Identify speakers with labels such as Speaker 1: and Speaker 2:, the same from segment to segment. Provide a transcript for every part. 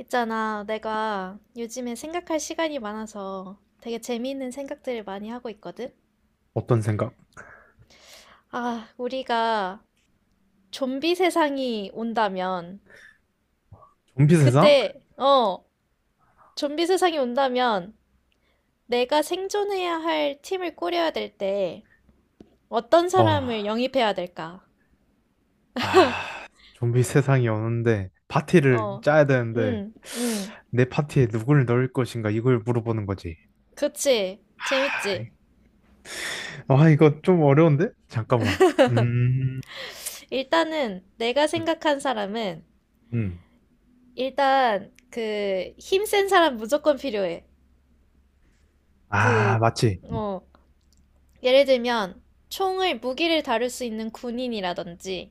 Speaker 1: 있잖아, 내가 요즘에 생각할 시간이 많아서 되게 재미있는 생각들을 많이 하고 있거든?
Speaker 2: 어떤 생각?
Speaker 1: 아, 우리가 좀비 세상이 온다면,
Speaker 2: 좀비 세상?
Speaker 1: 그때, 좀비 세상이 온다면 내가 생존해야 할 팀을 꾸려야 될 때 어떤
Speaker 2: 어,
Speaker 1: 사람을 영입해야 될까?
Speaker 2: 아, 좀비 세상이 오는데 파티를
Speaker 1: 어,
Speaker 2: 짜야 되는데
Speaker 1: 응, 응,
Speaker 2: 내 파티에 누굴 넣을 것인가 이걸 물어보는 거지.
Speaker 1: 그치. 재밌지?
Speaker 2: 아, 이거 좀 어려운데? 잠깐만. 음,
Speaker 1: 일단은 내가
Speaker 2: 음,
Speaker 1: 생각한 사람은
Speaker 2: 음.
Speaker 1: 일단 그 힘센 사람 무조건 필요해. 그,
Speaker 2: 아, 맞지.
Speaker 1: 어, 예를 들면, 총을, 무기를 다룰 수 있는 군인이라든지,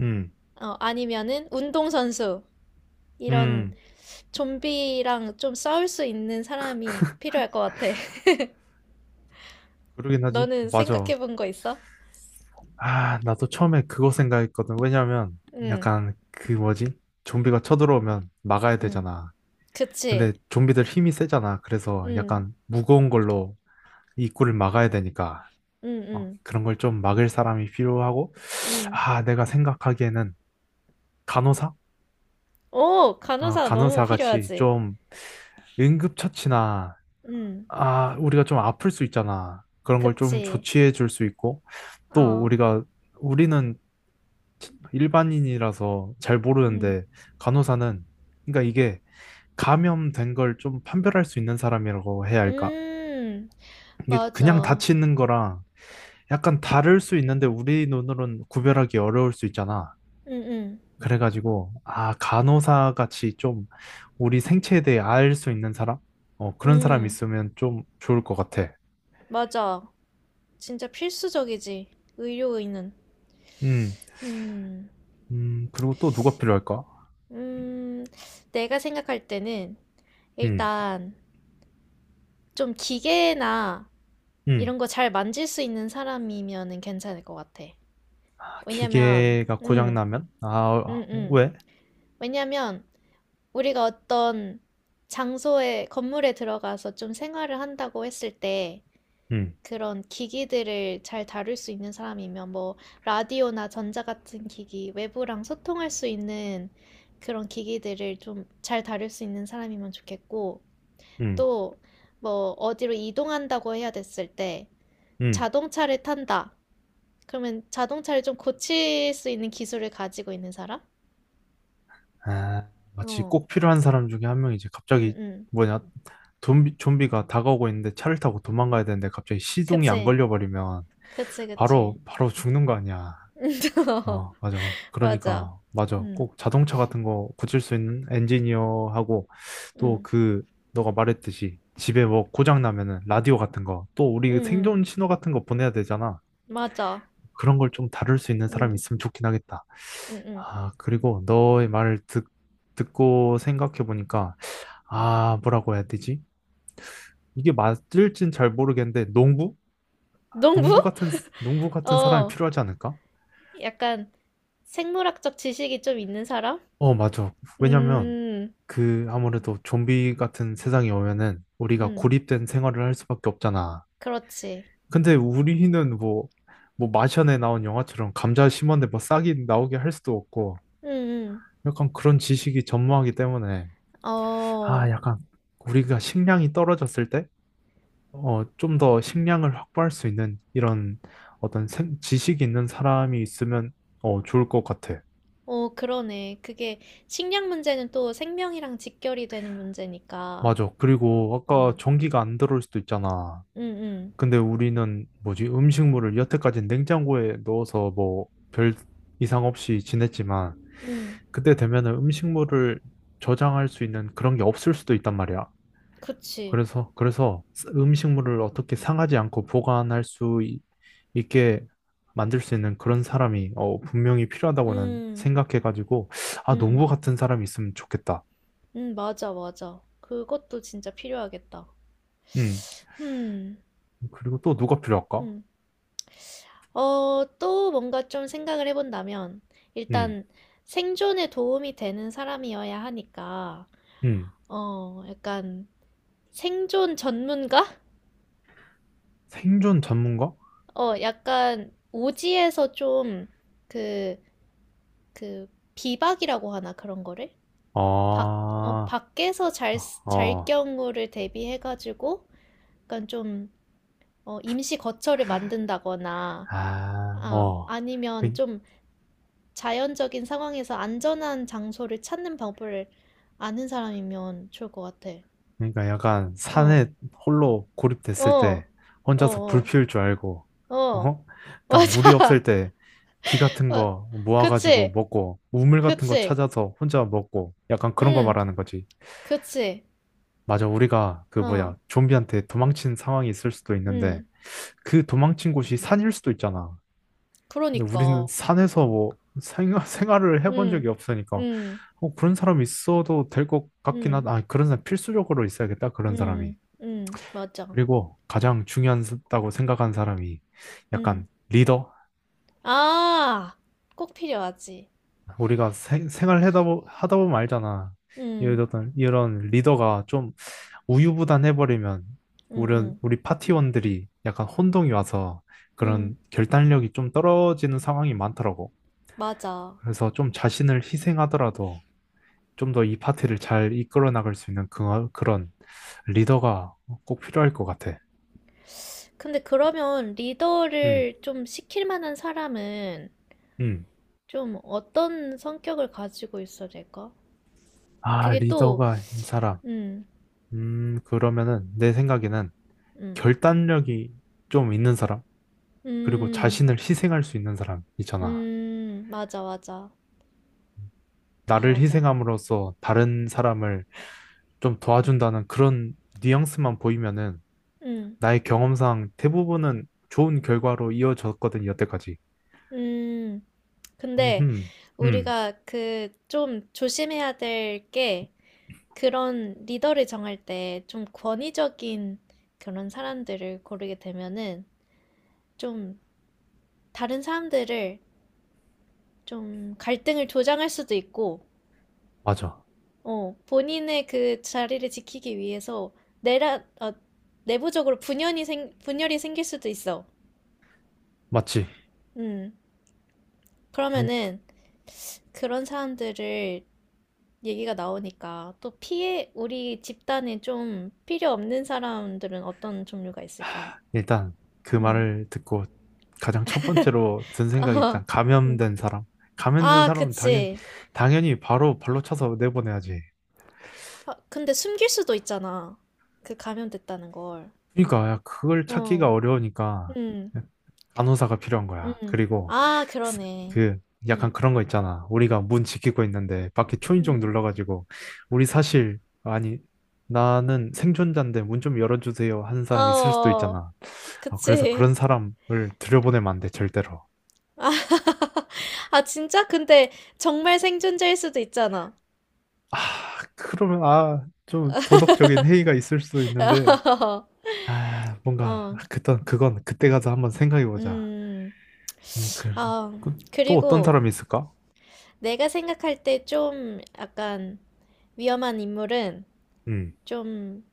Speaker 2: 음,
Speaker 1: 아니면은 운동선수, 이런
Speaker 2: 음,
Speaker 1: 좀비랑 좀 싸울 수 있는 사람이 필요할 것 같아.
Speaker 2: 그러긴 하지.
Speaker 1: 너는
Speaker 2: 맞아.
Speaker 1: 생각해 본 거 있어?
Speaker 2: 아, 나도 처음에 그거 생각했거든. 왜냐면
Speaker 1: 응,
Speaker 2: 약간 그 뭐지? 좀비가 쳐들어오면 막아야
Speaker 1: 응,
Speaker 2: 되잖아.
Speaker 1: 그치.
Speaker 2: 근데 좀비들 힘이 세잖아. 그래서
Speaker 1: 응,
Speaker 2: 약간 무거운 걸로 입구를 막아야 되니까
Speaker 1: 응, 응,
Speaker 2: 그런 걸 좀 막을 사람이 필요하고
Speaker 1: 응.
Speaker 2: 아 내가 생각하기에는 간호사.
Speaker 1: 오,
Speaker 2: 아,
Speaker 1: 간호사 너무
Speaker 2: 간호사 같이
Speaker 1: 필요하지.
Speaker 2: 좀 응급처치나
Speaker 1: 응,
Speaker 2: 아 우리가 좀 아플 수 있잖아, 그런 걸 좀
Speaker 1: 그치.
Speaker 2: 조치해 줄 수 있고 또
Speaker 1: 어,
Speaker 2: 우리가 우리는 일반인이라서 잘
Speaker 1: 응.
Speaker 2: 모르는데 간호사는, 그러니까 이게 감염된 걸 좀 판별할 수 있는 사람이라고 해야 할까?
Speaker 1: 음,
Speaker 2: 이게 그냥
Speaker 1: 맞아.
Speaker 2: 다치는 거랑 약간 다를 수 있는데 우리 눈으로는 구별하기 어려울 수 있잖아.
Speaker 1: 응, 응,
Speaker 2: 그래가지고, 아, 간호사 같이 좀 우리 생체에 대해 알 수 있는 사람? 어, 그런 사람
Speaker 1: 응,
Speaker 2: 있으면 좀 좋을 것 같아.
Speaker 1: 맞아. 진짜 필수적이지. 의료의는.
Speaker 2: 음,
Speaker 1: 음,
Speaker 2: 그리고 또 누가 필요할까?
Speaker 1: 음, 내가 생각할 때는
Speaker 2: 음,
Speaker 1: 일단 좀 기계나
Speaker 2: 음,
Speaker 1: 이런 거 잘 만질 수 있는 사람이면은 괜찮을 것 같아.
Speaker 2: 아,
Speaker 1: 왜냐면,
Speaker 2: 기계가
Speaker 1: 음,
Speaker 2: 고장나면?
Speaker 1: 음, 음.
Speaker 2: 왜?
Speaker 1: 왜냐면 우리가 어떤 장소에, 건물에 들어가서 좀 생활을 한다고 했을 때
Speaker 2: 음,
Speaker 1: 그런 기기들을 잘 다룰 수 있는 사람이면 뭐 라디오나 전자 같은 기기, 외부랑 소통할 수 있는 그런 기기들을 좀 잘 다룰 수 있는 사람이면 좋겠고
Speaker 2: 음,
Speaker 1: 또 뭐 어디로 이동한다고 해야 됐을 때
Speaker 2: 음.
Speaker 1: 자동차를 탄다. 그러면 자동차를 좀 고칠 수 있는 기술을 가지고 있는 사람?
Speaker 2: 아, 마치
Speaker 1: 어,
Speaker 2: 꼭 필요한 사람 중에 한 명이 이제
Speaker 1: 응,
Speaker 2: 갑자기
Speaker 1: 응.
Speaker 2: 뭐냐, 좀비가 다가오고 있는데 차를 타고 도망가야 되는데 갑자기 시동이 안
Speaker 1: 그치,
Speaker 2: 걸려버리면
Speaker 1: 그치,
Speaker 2: 바로
Speaker 1: 그치.
Speaker 2: 바로 죽는 거 아니야.
Speaker 1: 어,
Speaker 2: 어, 맞아.
Speaker 1: 맞아.
Speaker 2: 그러니까 맞아.
Speaker 1: 응,
Speaker 2: 꼭 자동차 같은 거 고칠 수 있는 엔지니어하고, 또
Speaker 1: 응,
Speaker 2: 그 너가 말했듯이 집에 뭐 고장 나면은 라디오 같은 거, 또
Speaker 1: 응,
Speaker 2: 우리
Speaker 1: 응.
Speaker 2: 생존 신호 같은 거 보내야 되잖아.
Speaker 1: 맞아.
Speaker 2: 그런 걸 좀 다룰 수 있는 사람이
Speaker 1: 응,
Speaker 2: 있으면 좋긴 하겠다.
Speaker 1: 응, 응.
Speaker 2: 아, 그리고 너의 말을 듣고 생각해보니까, 아, 뭐라고 해야 되지? 이게 맞을진 잘 모르겠는데, 농부?
Speaker 1: 농부?
Speaker 2: 농부 같은, 농부 같은 사람이
Speaker 1: 어,
Speaker 2: 필요하지 않을까?
Speaker 1: 약간 생물학적 지식이 좀 있는 사람?
Speaker 2: 어, 맞아. 왜냐면,
Speaker 1: 음,
Speaker 2: 그, 아무래도 좀비 같은 세상이 오면은, 우리가
Speaker 1: 음,
Speaker 2: 고립된 생활을 할 수밖에 없잖아.
Speaker 1: 그렇지.
Speaker 2: 근데 우리는 뭐, 마션에 나온 영화처럼 감자 심었는데 뭐 싹이 나오게 할 수도 없고,
Speaker 1: 음,
Speaker 2: 약간 그런 지식이 전무하기 때문에, 아,
Speaker 1: 어,
Speaker 2: 약간, 우리가 식량이 떨어졌을 때, 좀 더 식량을 확보할 수 있는 이런 어떤 지식이 있는 사람이 있으면 좋을 것 같아.
Speaker 1: 어, 그러네. 그게 식량 문제는 또 생명이랑 직결이 되는 문제니까.
Speaker 2: 맞아. 그리고 아까
Speaker 1: 음,
Speaker 2: 전기가 안 들어올 수도 있잖아.
Speaker 1: 음,
Speaker 2: 근데 우리는 뭐지? 음식물을 여태까지 냉장고에 넣어서 뭐 별 이상 없이 지냈지만
Speaker 1: 음, 음,
Speaker 2: 그때 되면은 음식물을 저장할 수 있는 그런 게 없을 수도 있단 말이야.
Speaker 1: 그치.
Speaker 2: 그래서 음식물을 어떻게 상하지 않고 보관할 수 있게 만들 수 있는 그런 사람이, 분명히 필요하다고 난
Speaker 1: 음,
Speaker 2: 생각해가지고, 아,
Speaker 1: 음,
Speaker 2: 농부 같은 사람이 있으면 좋겠다.
Speaker 1: 맞아, 맞아. 그것도 진짜 필요하겠다.
Speaker 2: 음.
Speaker 1: 음,
Speaker 2: 그리고 또 누가 필요할까?
Speaker 1: 음. 어, 또 뭔가 좀 생각을 해본다면,
Speaker 2: 음.
Speaker 1: 일단 생존에 도움이 되는 사람이어야 하니까,
Speaker 2: 음.
Speaker 1: 어, 약간 생존 전문가?
Speaker 2: 생존 전문가?
Speaker 1: 어, 약간 오지에서 좀 그, 그 비박이라고 하나 그런 거를?
Speaker 2: 아,
Speaker 1: 밖에서 잘, 잘
Speaker 2: 어,
Speaker 1: 경우를 대비해가지고, 약간 좀, 어, 임시 거처를 만든다거나,
Speaker 2: 아,
Speaker 1: 아,
Speaker 2: 어.
Speaker 1: 아니면 좀 자연적인 상황에서 안전한 장소를 찾는 방법을 아는 사람이면 좋을 것 같아.
Speaker 2: 그러니까 약간
Speaker 1: 어,
Speaker 2: 산에 홀로 고립됐을
Speaker 1: 어,
Speaker 2: 때
Speaker 1: 어,
Speaker 2: 혼자서 불
Speaker 1: 어,
Speaker 2: 피울 줄 알고,
Speaker 1: 어,
Speaker 2: 어? 딱 물이 없을
Speaker 1: 맞아.
Speaker 2: 때 비 같은
Speaker 1: 어,
Speaker 2: 거 모아가지고
Speaker 1: 그치,
Speaker 2: 먹고 우물 같은 거
Speaker 1: 그치,
Speaker 2: 찾아서 혼자 먹고, 약간 그런 거
Speaker 1: 응,
Speaker 2: 말하는 거지.
Speaker 1: 그치,
Speaker 2: 맞아, 우리가 그
Speaker 1: 어,
Speaker 2: 뭐야, 좀비한테 도망친 상황이 있을 수도 있는데
Speaker 1: 응,
Speaker 2: 그 도망친 곳이 산일 수도 있잖아. 근데 우리는
Speaker 1: 그러니까,
Speaker 2: 산에서 뭐 생활, 생활을 해본
Speaker 1: 응,
Speaker 2: 적이 없으니까
Speaker 1: 응,
Speaker 2: 그런 사람이 있어도 될 것 같긴
Speaker 1: 응,
Speaker 2: 하다. 아, 그런 사람 필수적으로 있어야겠다, 그런 사람이.
Speaker 1: 응, 응, 맞아,
Speaker 2: 그리고 가장 중요하다고 생각하는 사람이
Speaker 1: 응.
Speaker 2: 약간 리더?
Speaker 1: 아, 꼭 필요하지.
Speaker 2: 우리가 생활하다 보, 하다 보면 알잖아.
Speaker 1: 응,
Speaker 2: 이런 리더가 좀 우유부단해버리면
Speaker 1: 응,
Speaker 2: 우리,
Speaker 1: 응,
Speaker 2: 우리 파티원들이 약간 혼동이 와서
Speaker 1: 응,
Speaker 2: 그런 결단력이 좀 떨어지는 상황이 많더라고.
Speaker 1: 맞아.
Speaker 2: 그래서 좀 자신을 희생하더라도 좀 더 이 파티를 잘 이끌어 나갈 수 있는 그, 그런 리더가 꼭 필요할 것 같아.
Speaker 1: 근데 그러면
Speaker 2: 음,
Speaker 1: 리더를 좀 시킬 만한 사람은
Speaker 2: 음.
Speaker 1: 좀 어떤 성격을 가지고 있어야 될까?
Speaker 2: 아,
Speaker 1: 그게 또,
Speaker 2: 리더가 이 사람.
Speaker 1: 음,
Speaker 2: 그러면은 내 생각에는
Speaker 1: 음,
Speaker 2: 결단력이 좀 있는 사람, 그리고
Speaker 1: 음,
Speaker 2: 자신을 희생할 수 있는 사람 있잖아.
Speaker 1: 맞아, 맞아. 그래,
Speaker 2: 나를
Speaker 1: 맞아.
Speaker 2: 희생함으로써 다른 사람을 좀 도와준다는 그런 뉘앙스만 보이면은
Speaker 1: 음,
Speaker 2: 나의 경험상 대부분은 좋은 결과로 이어졌거든, 여태까지.
Speaker 1: 음. 근데
Speaker 2: 음, 음,
Speaker 1: 우리가 그 좀 조심해야 될 게 그런 리더를 정할 때 좀 권위적인 그런 사람들을 고르게 되면은 좀 다른 사람들을 좀 갈등을 조장할 수도 있고,
Speaker 2: 맞아.
Speaker 1: 어, 본인의 그 자리를 지키기 위해서 내라, 어, 내부적으로 분열이 생길 수도 있어.
Speaker 2: 맞지.
Speaker 1: 음.
Speaker 2: 음,
Speaker 1: 그러면은 그런 사람들을 얘기가 나오니까 또 우리 집단에 좀 필요 없는 사람들은 어떤 종류가 있을까?
Speaker 2: 일단 그
Speaker 1: 음.
Speaker 2: 말을 듣고 가장 첫 번째로 든 생각이
Speaker 1: 어,
Speaker 2: 일단
Speaker 1: 음.
Speaker 2: 감염된 사람. 감염된
Speaker 1: 아,
Speaker 2: 사람은 당연,
Speaker 1: 그치.
Speaker 2: 당연히 바로 발로 차서 내보내야지.
Speaker 1: 아, 근데 숨길 수도 있잖아. 그 감염됐다는 걸.
Speaker 2: 그러니까 야, 그걸
Speaker 1: 어,
Speaker 2: 찾기가 어려우니까
Speaker 1: 음.
Speaker 2: 간호사가 필요한 거야.
Speaker 1: 음.
Speaker 2: 그리고
Speaker 1: 아,
Speaker 2: 스-
Speaker 1: 그러네.
Speaker 2: 그 약간
Speaker 1: 음.
Speaker 2: 그런 거 있잖아. 우리가 문 지키고 있는데 밖에 초인종
Speaker 1: 음.
Speaker 2: 눌러가지고, 우리 사실 아니, 나는 생존자인데 문 좀 열어주세요 하는 사람 있을 수도
Speaker 1: 어.
Speaker 2: 있잖아. 아, 그래서
Speaker 1: 그치.
Speaker 2: 그런 사람을 들여보내면 안 돼, 절대로.
Speaker 1: 아, 진짜? 근데 정말 생존자일 수도 있잖아.
Speaker 2: 아, 그러면, 아, 좀 도덕적인 해이가 있을 수도 있는데, 아, 뭔가
Speaker 1: 어.
Speaker 2: 그땐 그건 그때 가서 한번 생각해 보자.
Speaker 1: 음.
Speaker 2: 음, 그,
Speaker 1: 아,
Speaker 2: 그, 또 어떤
Speaker 1: 그리고
Speaker 2: 사람이 있을까?
Speaker 1: 내가 생각할 때 좀 약간 위험한 인물은
Speaker 2: 음,
Speaker 1: 좀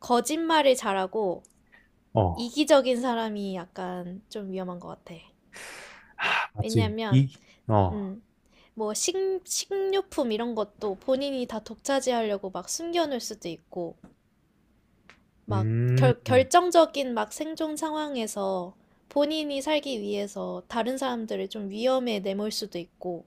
Speaker 1: 거짓말을 잘하고
Speaker 2: 어,
Speaker 1: 이기적인 사람이 약간 좀 위험한 것 같아.
Speaker 2: 하, 맞지.
Speaker 1: 왜냐면
Speaker 2: 어,
Speaker 1: 음. 뭐 식료품 이런 것도 본인이 다 독차지하려고 막 숨겨놓을 수도 있고, 막
Speaker 2: 음,
Speaker 1: 결정적인 막 생존 상황에서 본인이 살기 위해서 다른 사람들을 좀 위험에 내몰 수도 있고,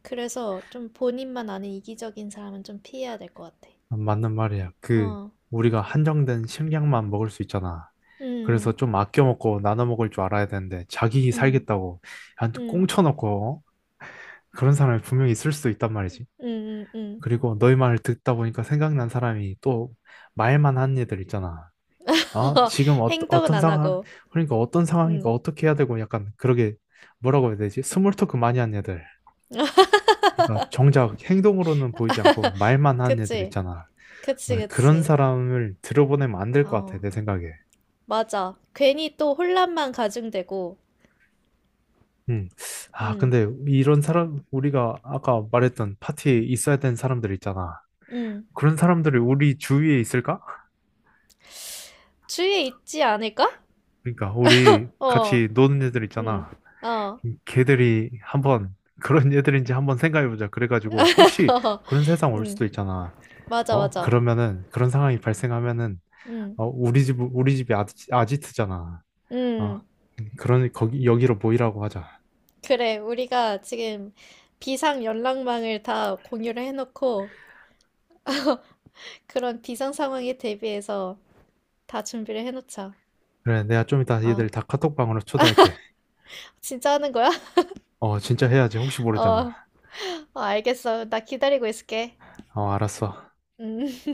Speaker 1: 그래서 좀 본인만 아는 이기적인 사람은 좀 피해야 될 것 같아.
Speaker 2: 맞는 말이야. 그,
Speaker 1: 어,
Speaker 2: 우리가 한정된 식량만 먹을 수 있잖아. 그래서
Speaker 1: 음,
Speaker 2: 좀 아껴 먹고 나눠 먹을 줄 알아야 되는데, 자기
Speaker 1: 음,
Speaker 2: 살겠다고, 한테
Speaker 1: 음,
Speaker 2: 꽁쳐놓고, 어? 그런 사람이 분명히 있을 수도 있단 말이지.
Speaker 1: 음.
Speaker 2: 그리고 너희 말을 듣다 보니까 생각난 사람이 또 말만 하는 애들 있잖아. 지금
Speaker 1: 행동은
Speaker 2: 어떤
Speaker 1: 안
Speaker 2: 상황,
Speaker 1: 하고,
Speaker 2: 그러니까 어떤 상황이니까
Speaker 1: 음,
Speaker 2: 어떻게 해야 되고 약간 그러게, 뭐라고 해야 되지? 스몰 토크 많이 하는 애들. 그러니까 정작 행동으로는 보이지 않고 말만 하는 애들
Speaker 1: 그치,
Speaker 2: 있잖아.
Speaker 1: 그치,
Speaker 2: 아, 그런
Speaker 1: 그치.
Speaker 2: 사람을 들어보내면 안 될 것 같아,
Speaker 1: 어.
Speaker 2: 내 생각에.
Speaker 1: 맞아. 괜히 또 혼란만 가중되고,
Speaker 2: 음. 아,
Speaker 1: 음,
Speaker 2: 근데 이런 사람, 우리가 아까 말했던 파티에 있어야 되는 사람들 있잖아.
Speaker 1: 음,
Speaker 2: 그런 사람들이 우리 주위에 있을까?
Speaker 1: 주위에 있지 않을까?
Speaker 2: 그러니까 우리
Speaker 1: 어,
Speaker 2: 같이 노는 애들
Speaker 1: 음,
Speaker 2: 있잖아.
Speaker 1: 어,
Speaker 2: 걔들이 한번 그런 애들인지 한번 생각해보자. 그래가지고 혹시 그런 세상 올
Speaker 1: 음,
Speaker 2: 수도 있잖아.
Speaker 1: 맞아,
Speaker 2: 어?
Speaker 1: 맞아.
Speaker 2: 그러면은 그런 상황이 발생하면은
Speaker 1: 음,
Speaker 2: 우리 집이 아지트잖아. 어
Speaker 1: 음,
Speaker 2: 그러니 거기 여기로 모이라고 하자.
Speaker 1: 그래. 우리가 지금 비상 연락망을 다 공유를 해놓고, 그런 비상 상황에 대비해서 다 준비를 해놓자.
Speaker 2: 그래, 내가 좀 이따
Speaker 1: 어,
Speaker 2: 얘들 다 카톡방으로 초대할게.
Speaker 1: 진짜 하는 거야?
Speaker 2: 어, 진짜 해야지. 혹시
Speaker 1: 어,
Speaker 2: 모르잖아.
Speaker 1: 어, 알겠어. 나 기다리고 있을게.
Speaker 2: 어, 알았어.
Speaker 1: 음.